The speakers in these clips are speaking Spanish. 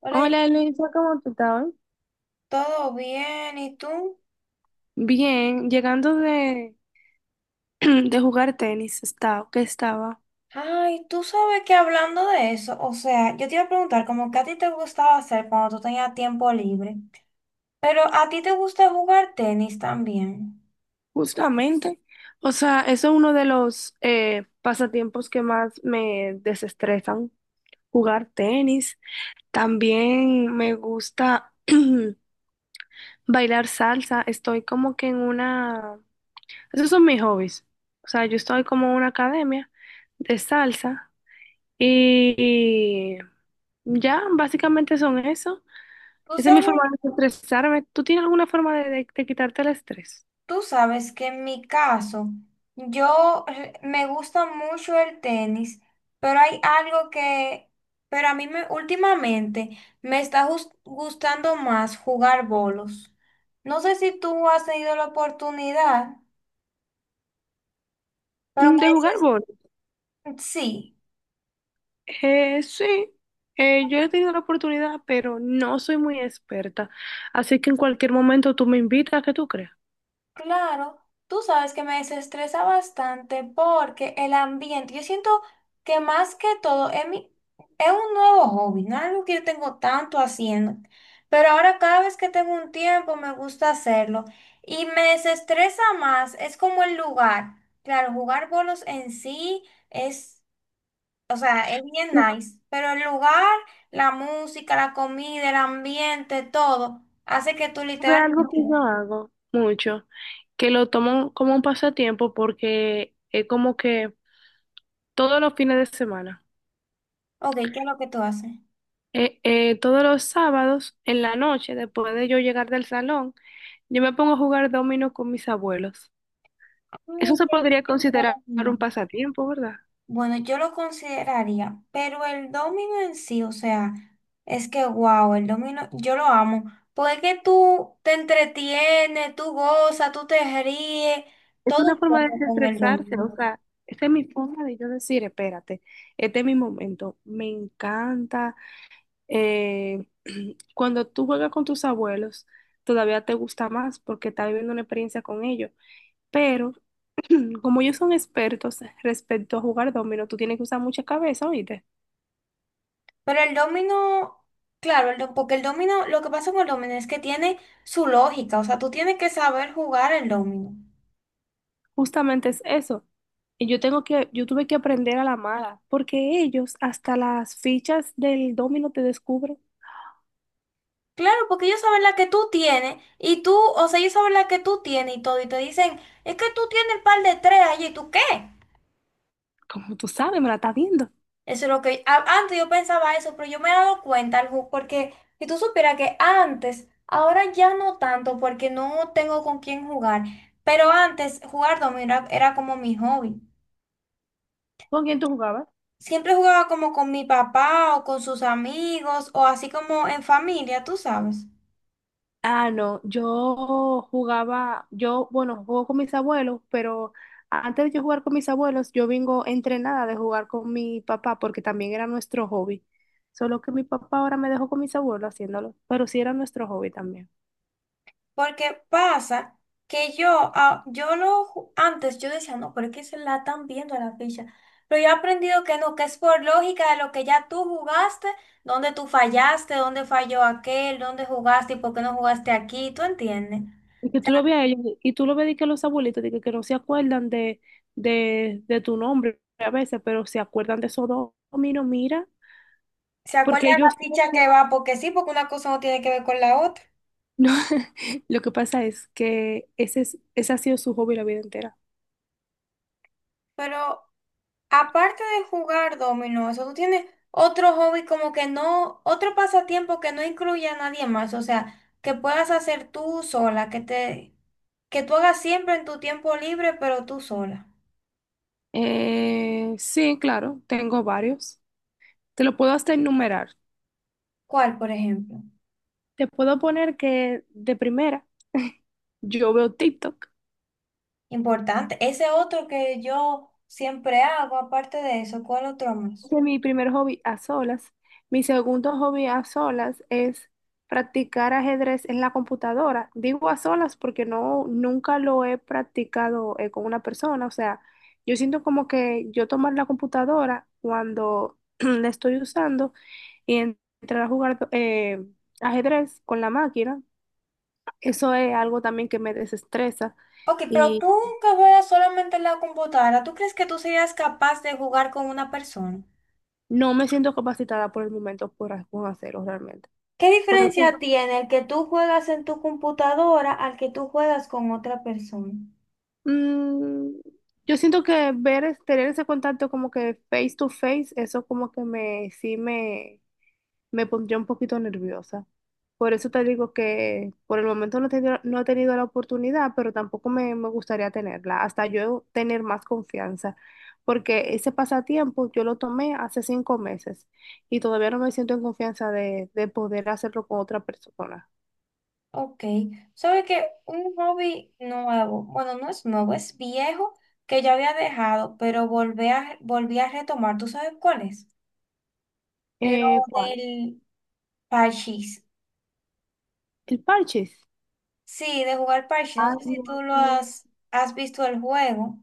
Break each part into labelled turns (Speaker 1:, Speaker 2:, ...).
Speaker 1: Hola,
Speaker 2: Hola Luisa, ¿cómo tú estás?
Speaker 1: ¿todo bien? ¿Y tú?
Speaker 2: Bien, llegando de jugar tenis,
Speaker 1: Ay, tú sabes que hablando de eso, o sea, yo te iba a preguntar como que a ti te gustaba hacer cuando tú tenías tiempo libre, pero a ti te gusta jugar tenis también.
Speaker 2: justamente. O sea, eso es uno de los pasatiempos que más me desestresan, jugar tenis. También me gusta bailar salsa, estoy como que en una... Esos son mis hobbies. O sea, yo estoy como en una academia de salsa y ya, básicamente son eso.
Speaker 1: Tú
Speaker 2: Esa es mi
Speaker 1: sabes,
Speaker 2: forma de estresarme. ¿Tú tienes alguna forma de quitarte el estrés?
Speaker 1: tú sabes que en mi caso, yo me gusta mucho el tenis, pero hay algo que, pero a mí me, últimamente me está gustando más jugar bolos. No sé si tú has tenido la oportunidad. Pero
Speaker 2: Mm,
Speaker 1: me
Speaker 2: ¿de jugar
Speaker 1: dices
Speaker 2: bol?
Speaker 1: sí,
Speaker 2: Sí, yo he tenido la oportunidad, pero no soy muy experta. Así que en cualquier momento tú me invitas, ¿qué tú crees?
Speaker 1: claro. Tú sabes que me desestresa bastante porque el ambiente, yo siento que más que todo es mi, es un nuevo hobby, no es algo que yo tengo tanto haciendo, pero ahora cada vez que tengo un tiempo me gusta hacerlo y me desestresa más, es como el lugar. Claro, jugar bolos en sí es, o sea, es bien
Speaker 2: Tú
Speaker 1: nice, pero el lugar, la música, la comida, el ambiente, todo, hace que tú
Speaker 2: sabes algo
Speaker 1: literalmente.
Speaker 2: que yo hago mucho, que lo tomo como un pasatiempo porque es como que todos los fines de semana,
Speaker 1: Ok, ¿qué es lo que tú haces?
Speaker 2: todos los sábados en la noche, después de yo llegar del salón, yo me pongo a jugar dominó con mis abuelos. Eso
Speaker 1: Ay,
Speaker 2: se podría
Speaker 1: el
Speaker 2: considerar un
Speaker 1: domino.
Speaker 2: pasatiempo, ¿verdad?
Speaker 1: Bueno, yo lo consideraría, pero el domino en sí, o sea, es que wow, el domino, yo lo amo, porque es que tú te entretienes, tú gozas, tú te ríes,
Speaker 2: Es
Speaker 1: todo
Speaker 2: una
Speaker 1: un
Speaker 2: forma de
Speaker 1: poco con el
Speaker 2: desestresarse, o
Speaker 1: domino.
Speaker 2: sea, esta es mi forma de yo decir, espérate, este es mi momento. Me encanta. eh, Cuando tú juegas con tus abuelos, todavía te gusta más porque estás viviendo una experiencia con ellos. Pero como ellos son expertos respecto a jugar dominó, tú tienes que usar mucha cabeza, ¿oíste?
Speaker 1: Pero el domino, claro, porque el domino, lo que pasa con el domino es que tiene su lógica, o sea, tú tienes que saber jugar el domino.
Speaker 2: Justamente es eso. Yo tuve que aprender a la mala, porque ellos hasta las fichas del dominó te descubren.
Speaker 1: Claro, porque ellos saben la que tú tienes y tú, o sea, ellos saben la que tú tienes y todo y te dicen, es que tú tienes el par de tres allí, ¿y tú qué?
Speaker 2: Como tú sabes, me la estás viendo.
Speaker 1: Eso es lo que antes yo pensaba eso, pero yo me he dado cuenta, Arju, porque si tú supieras que antes, ahora ya no tanto porque no tengo con quién jugar, pero antes jugar dominó era, era como mi hobby.
Speaker 2: ¿Con quién tú jugabas?
Speaker 1: Siempre jugaba como con mi papá o con sus amigos o así como en familia, tú sabes.
Speaker 2: Ah, no, bueno, juego con mis abuelos, pero antes de yo jugar con mis abuelos, yo vengo entrenada de jugar con mi papá, porque también era nuestro hobby. Solo que mi papá ahora me dejó con mis abuelos haciéndolo, pero sí era nuestro hobby también.
Speaker 1: Porque pasa que yo, ah, yo lo, antes yo decía, no, pero es que se la están viendo a la ficha. Pero yo he aprendido que no, que es por lógica de lo que ya tú jugaste, dónde tú fallaste, dónde falló aquel, dónde jugaste y por qué no jugaste aquí, ¿tú entiendes?
Speaker 2: Y que tú lo veas a ellos, y tú lo ves de que los abuelitos, que no se acuerdan de tu nombre a veces, pero se acuerdan de esos dos dominos, mira,
Speaker 1: ¿Se acuerda
Speaker 2: porque
Speaker 1: de la
Speaker 2: ellos
Speaker 1: ficha que va? Porque sí, porque una cosa no tiene que ver con la otra.
Speaker 2: no, lo que pasa es que ese ha sido su hobby la vida entera.
Speaker 1: Pero aparte de jugar dominó, eso tú tienes otro hobby como que no, otro pasatiempo que no incluya a nadie más, o sea, que puedas hacer tú sola, que te, que tú hagas siempre en tu tiempo libre, pero tú sola.
Speaker 2: Sí, claro, tengo varios. Te lo puedo hasta enumerar.
Speaker 1: ¿Cuál, por ejemplo?
Speaker 2: Te puedo poner que de primera yo veo TikTok.
Speaker 1: Importante. Ese otro que yo siempre hago, aparte de eso, ¿cuál otro más?
Speaker 2: Ese es mi primer hobby a solas. Mi segundo hobby a solas es practicar ajedrez en la computadora. Digo a solas porque no, nunca lo he practicado con una persona. O sea, yo siento como que yo tomar la computadora cuando la estoy usando y entrar a jugar ajedrez con la máquina, eso es algo también que me desestresa,
Speaker 1: Ok, pero
Speaker 2: y
Speaker 1: tú que juegas solamente en la computadora, ¿tú crees que tú serías capaz de jugar con una persona?
Speaker 2: no me siento capacitada por el momento por hacerlo realmente.
Speaker 1: ¿Qué diferencia tiene el que tú juegas en tu computadora al que tú juegas con otra persona?
Speaker 2: Mm, yo siento que tener ese contacto como que face to face, eso como que sí me pondría un poquito nerviosa. Por eso te digo que por el momento no he tenido la oportunidad, pero tampoco me, me gustaría tenerla, hasta yo tener más confianza, porque ese pasatiempo yo lo tomé hace 5 meses y todavía no me siento en confianza de poder hacerlo con otra persona.
Speaker 1: Ok, sabe que un hobby nuevo, bueno, no es nuevo, es viejo que ya había dejado, pero volví a retomar. ¿Tú sabes cuál es? Lo
Speaker 2: ¿Cuál?
Speaker 1: del parchís.
Speaker 2: El parches.
Speaker 1: Sí, de jugar parchís. No
Speaker 2: Ay,
Speaker 1: sé si tú
Speaker 2: Dios mío.
Speaker 1: has visto el juego.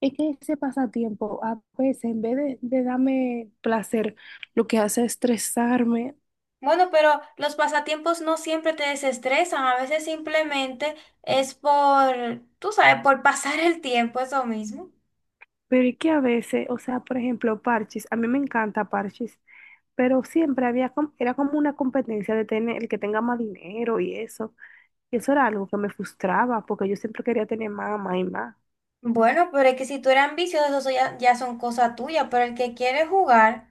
Speaker 2: Es que ese pasatiempo a veces en vez de darme placer, lo que hace es estresarme,
Speaker 1: Bueno, pero los pasatiempos no siempre te desestresan, a veces simplemente es por, tú sabes, por pasar el tiempo, eso mismo.
Speaker 2: pero es que a veces, o sea, por ejemplo, parches, a mí me encanta parches, pero era como una competencia de tener el que tenga más dinero y eso era algo que me frustraba porque yo siempre quería tener más, más y más.
Speaker 1: Bueno, pero es que si tú eres ambicioso, eso ya son cosas tuyas, pero el que quiere jugar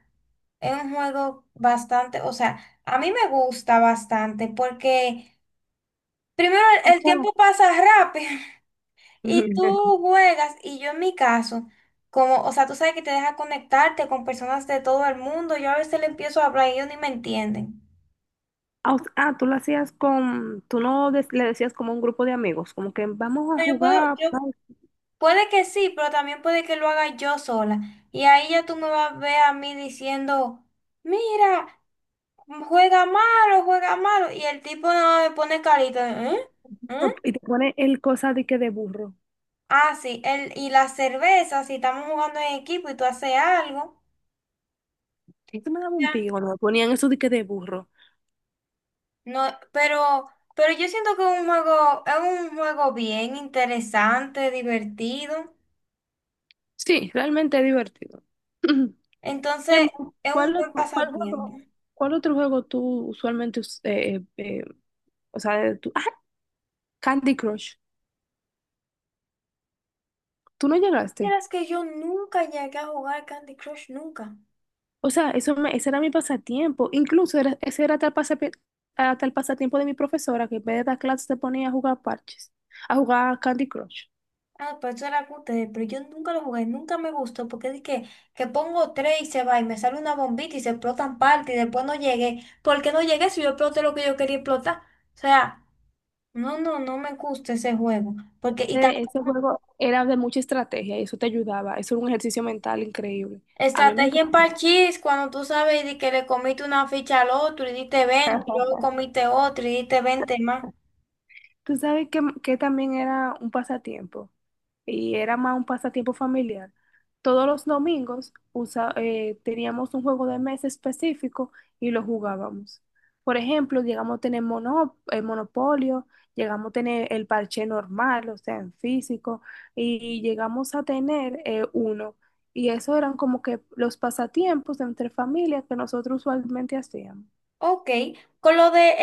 Speaker 1: es un juego bastante, o sea, a mí me gusta bastante porque primero
Speaker 2: O
Speaker 1: el
Speaker 2: sea,
Speaker 1: tiempo pasa rápido y tú juegas y yo en mi caso, como, o sea, tú sabes que te deja conectarte con personas de todo el mundo, yo a veces le empiezo a hablar y ellos ni me entienden.
Speaker 2: Tú lo hacías con, tú no des- le decías como a un grupo de amigos, como que vamos a
Speaker 1: No, yo puedo,
Speaker 2: jugar,
Speaker 1: yo
Speaker 2: tal,
Speaker 1: puede que sí, pero también puede que lo haga yo sola. Y ahí ya tú me vas a ver a mí diciendo, mira, juega malo, juega malo. Y el tipo no me pone carita. ¿Eh? ¿Eh?
Speaker 2: y te pone el cosa de que de burro.
Speaker 1: Ah, sí, el, y la cerveza, si estamos jugando en equipo y tú haces algo.
Speaker 2: Esto me daba un
Speaker 1: Ya.
Speaker 2: pico cuando me ponían esos diques de burro.
Speaker 1: No, pero yo siento que es un juego bien interesante, divertido.
Speaker 2: Sí, realmente es divertido.
Speaker 1: Entonces,
Speaker 2: Em,
Speaker 1: es un
Speaker 2: ¿cuál
Speaker 1: buen
Speaker 2: otro, cuál
Speaker 1: pasatiempo.
Speaker 2: juego, cuál otro juego tú o sea, Candy Crush, tú no llegaste.
Speaker 1: Vieras que yo nunca llegué a jugar Candy Crush, nunca.
Speaker 2: O sea, ese era mi pasatiempo. Ese era tal pasatiempo de mi profesora que en vez de dar clases se ponía a jugar parches, a jugar Candy Crush.
Speaker 1: Ah, pues eso era que ustedes, pero yo nunca lo jugué, nunca me gustó, porque dije que pongo tres y se va y me sale una bombita y se explotan parte y después no llegué. ¿Por qué no llegué si yo exploté lo que yo quería explotar? O sea, no, no, no me gusta ese juego. Porque, y también,
Speaker 2: Ese juego era de mucha estrategia y eso te ayudaba. Eso era un ejercicio mental increíble. A mí me
Speaker 1: estrategia en
Speaker 2: encantó.
Speaker 1: parchís, cuando tú sabes di que le comiste una ficha al otro y diste 20, y luego comiste otro y diste 20 más.
Speaker 2: Tú sabes que también era un pasatiempo y era más un pasatiempo familiar. Todos los domingos teníamos un juego de mesa específico y lo jugábamos. Por ejemplo, llegamos a tener Monopolio, llegamos a tener el parche normal, o sea, en físico, y llegamos a tener uno. Y eso eran como que los pasatiempos entre familias que nosotros usualmente hacíamos.
Speaker 1: Ok, con lo de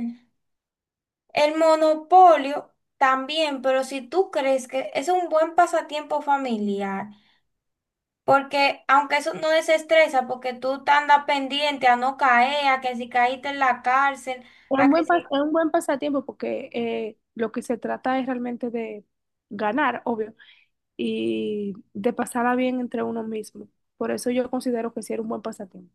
Speaker 1: el... El monopolio también, pero si tú crees que es un buen pasatiempo familiar, porque aunque eso no desestresa, porque tú te andas pendiente a no caer, a que si caíste en la cárcel,
Speaker 2: Es
Speaker 1: a
Speaker 2: un
Speaker 1: que si...
Speaker 2: es un buen pasatiempo porque lo que se trata es realmente de ganar, obvio, y de pasarla bien entre uno mismo. Por eso yo considero que sí era un buen pasatiempo.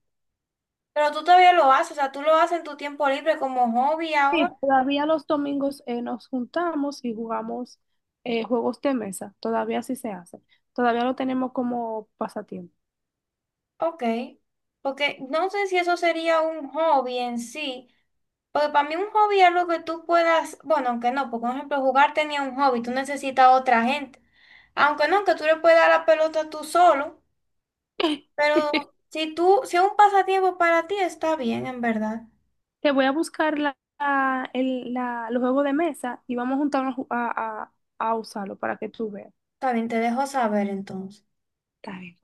Speaker 1: Pero tú todavía lo haces, o sea, tú lo haces en tu tiempo libre como hobby
Speaker 2: Sí,
Speaker 1: ahora,
Speaker 2: todavía los domingos nos juntamos y jugamos juegos de mesa. Todavía sí se hace. Todavía lo tenemos como pasatiempo.
Speaker 1: ok. Porque no sé si eso sería un hobby en sí. Porque para mí un hobby es lo que tú puedas, bueno, aunque no, porque por ejemplo jugar tenía un hobby, tú necesitas a otra gente. Aunque no, que tú le puedes dar la pelota tú solo, pero si tú, si es un pasatiempo para ti, está bien, en verdad.
Speaker 2: Te voy a buscar los juegos de mesa y vamos a juntarnos a usarlo para que tú veas.
Speaker 1: Está bien, te dejo saber entonces.
Speaker 2: Está bien.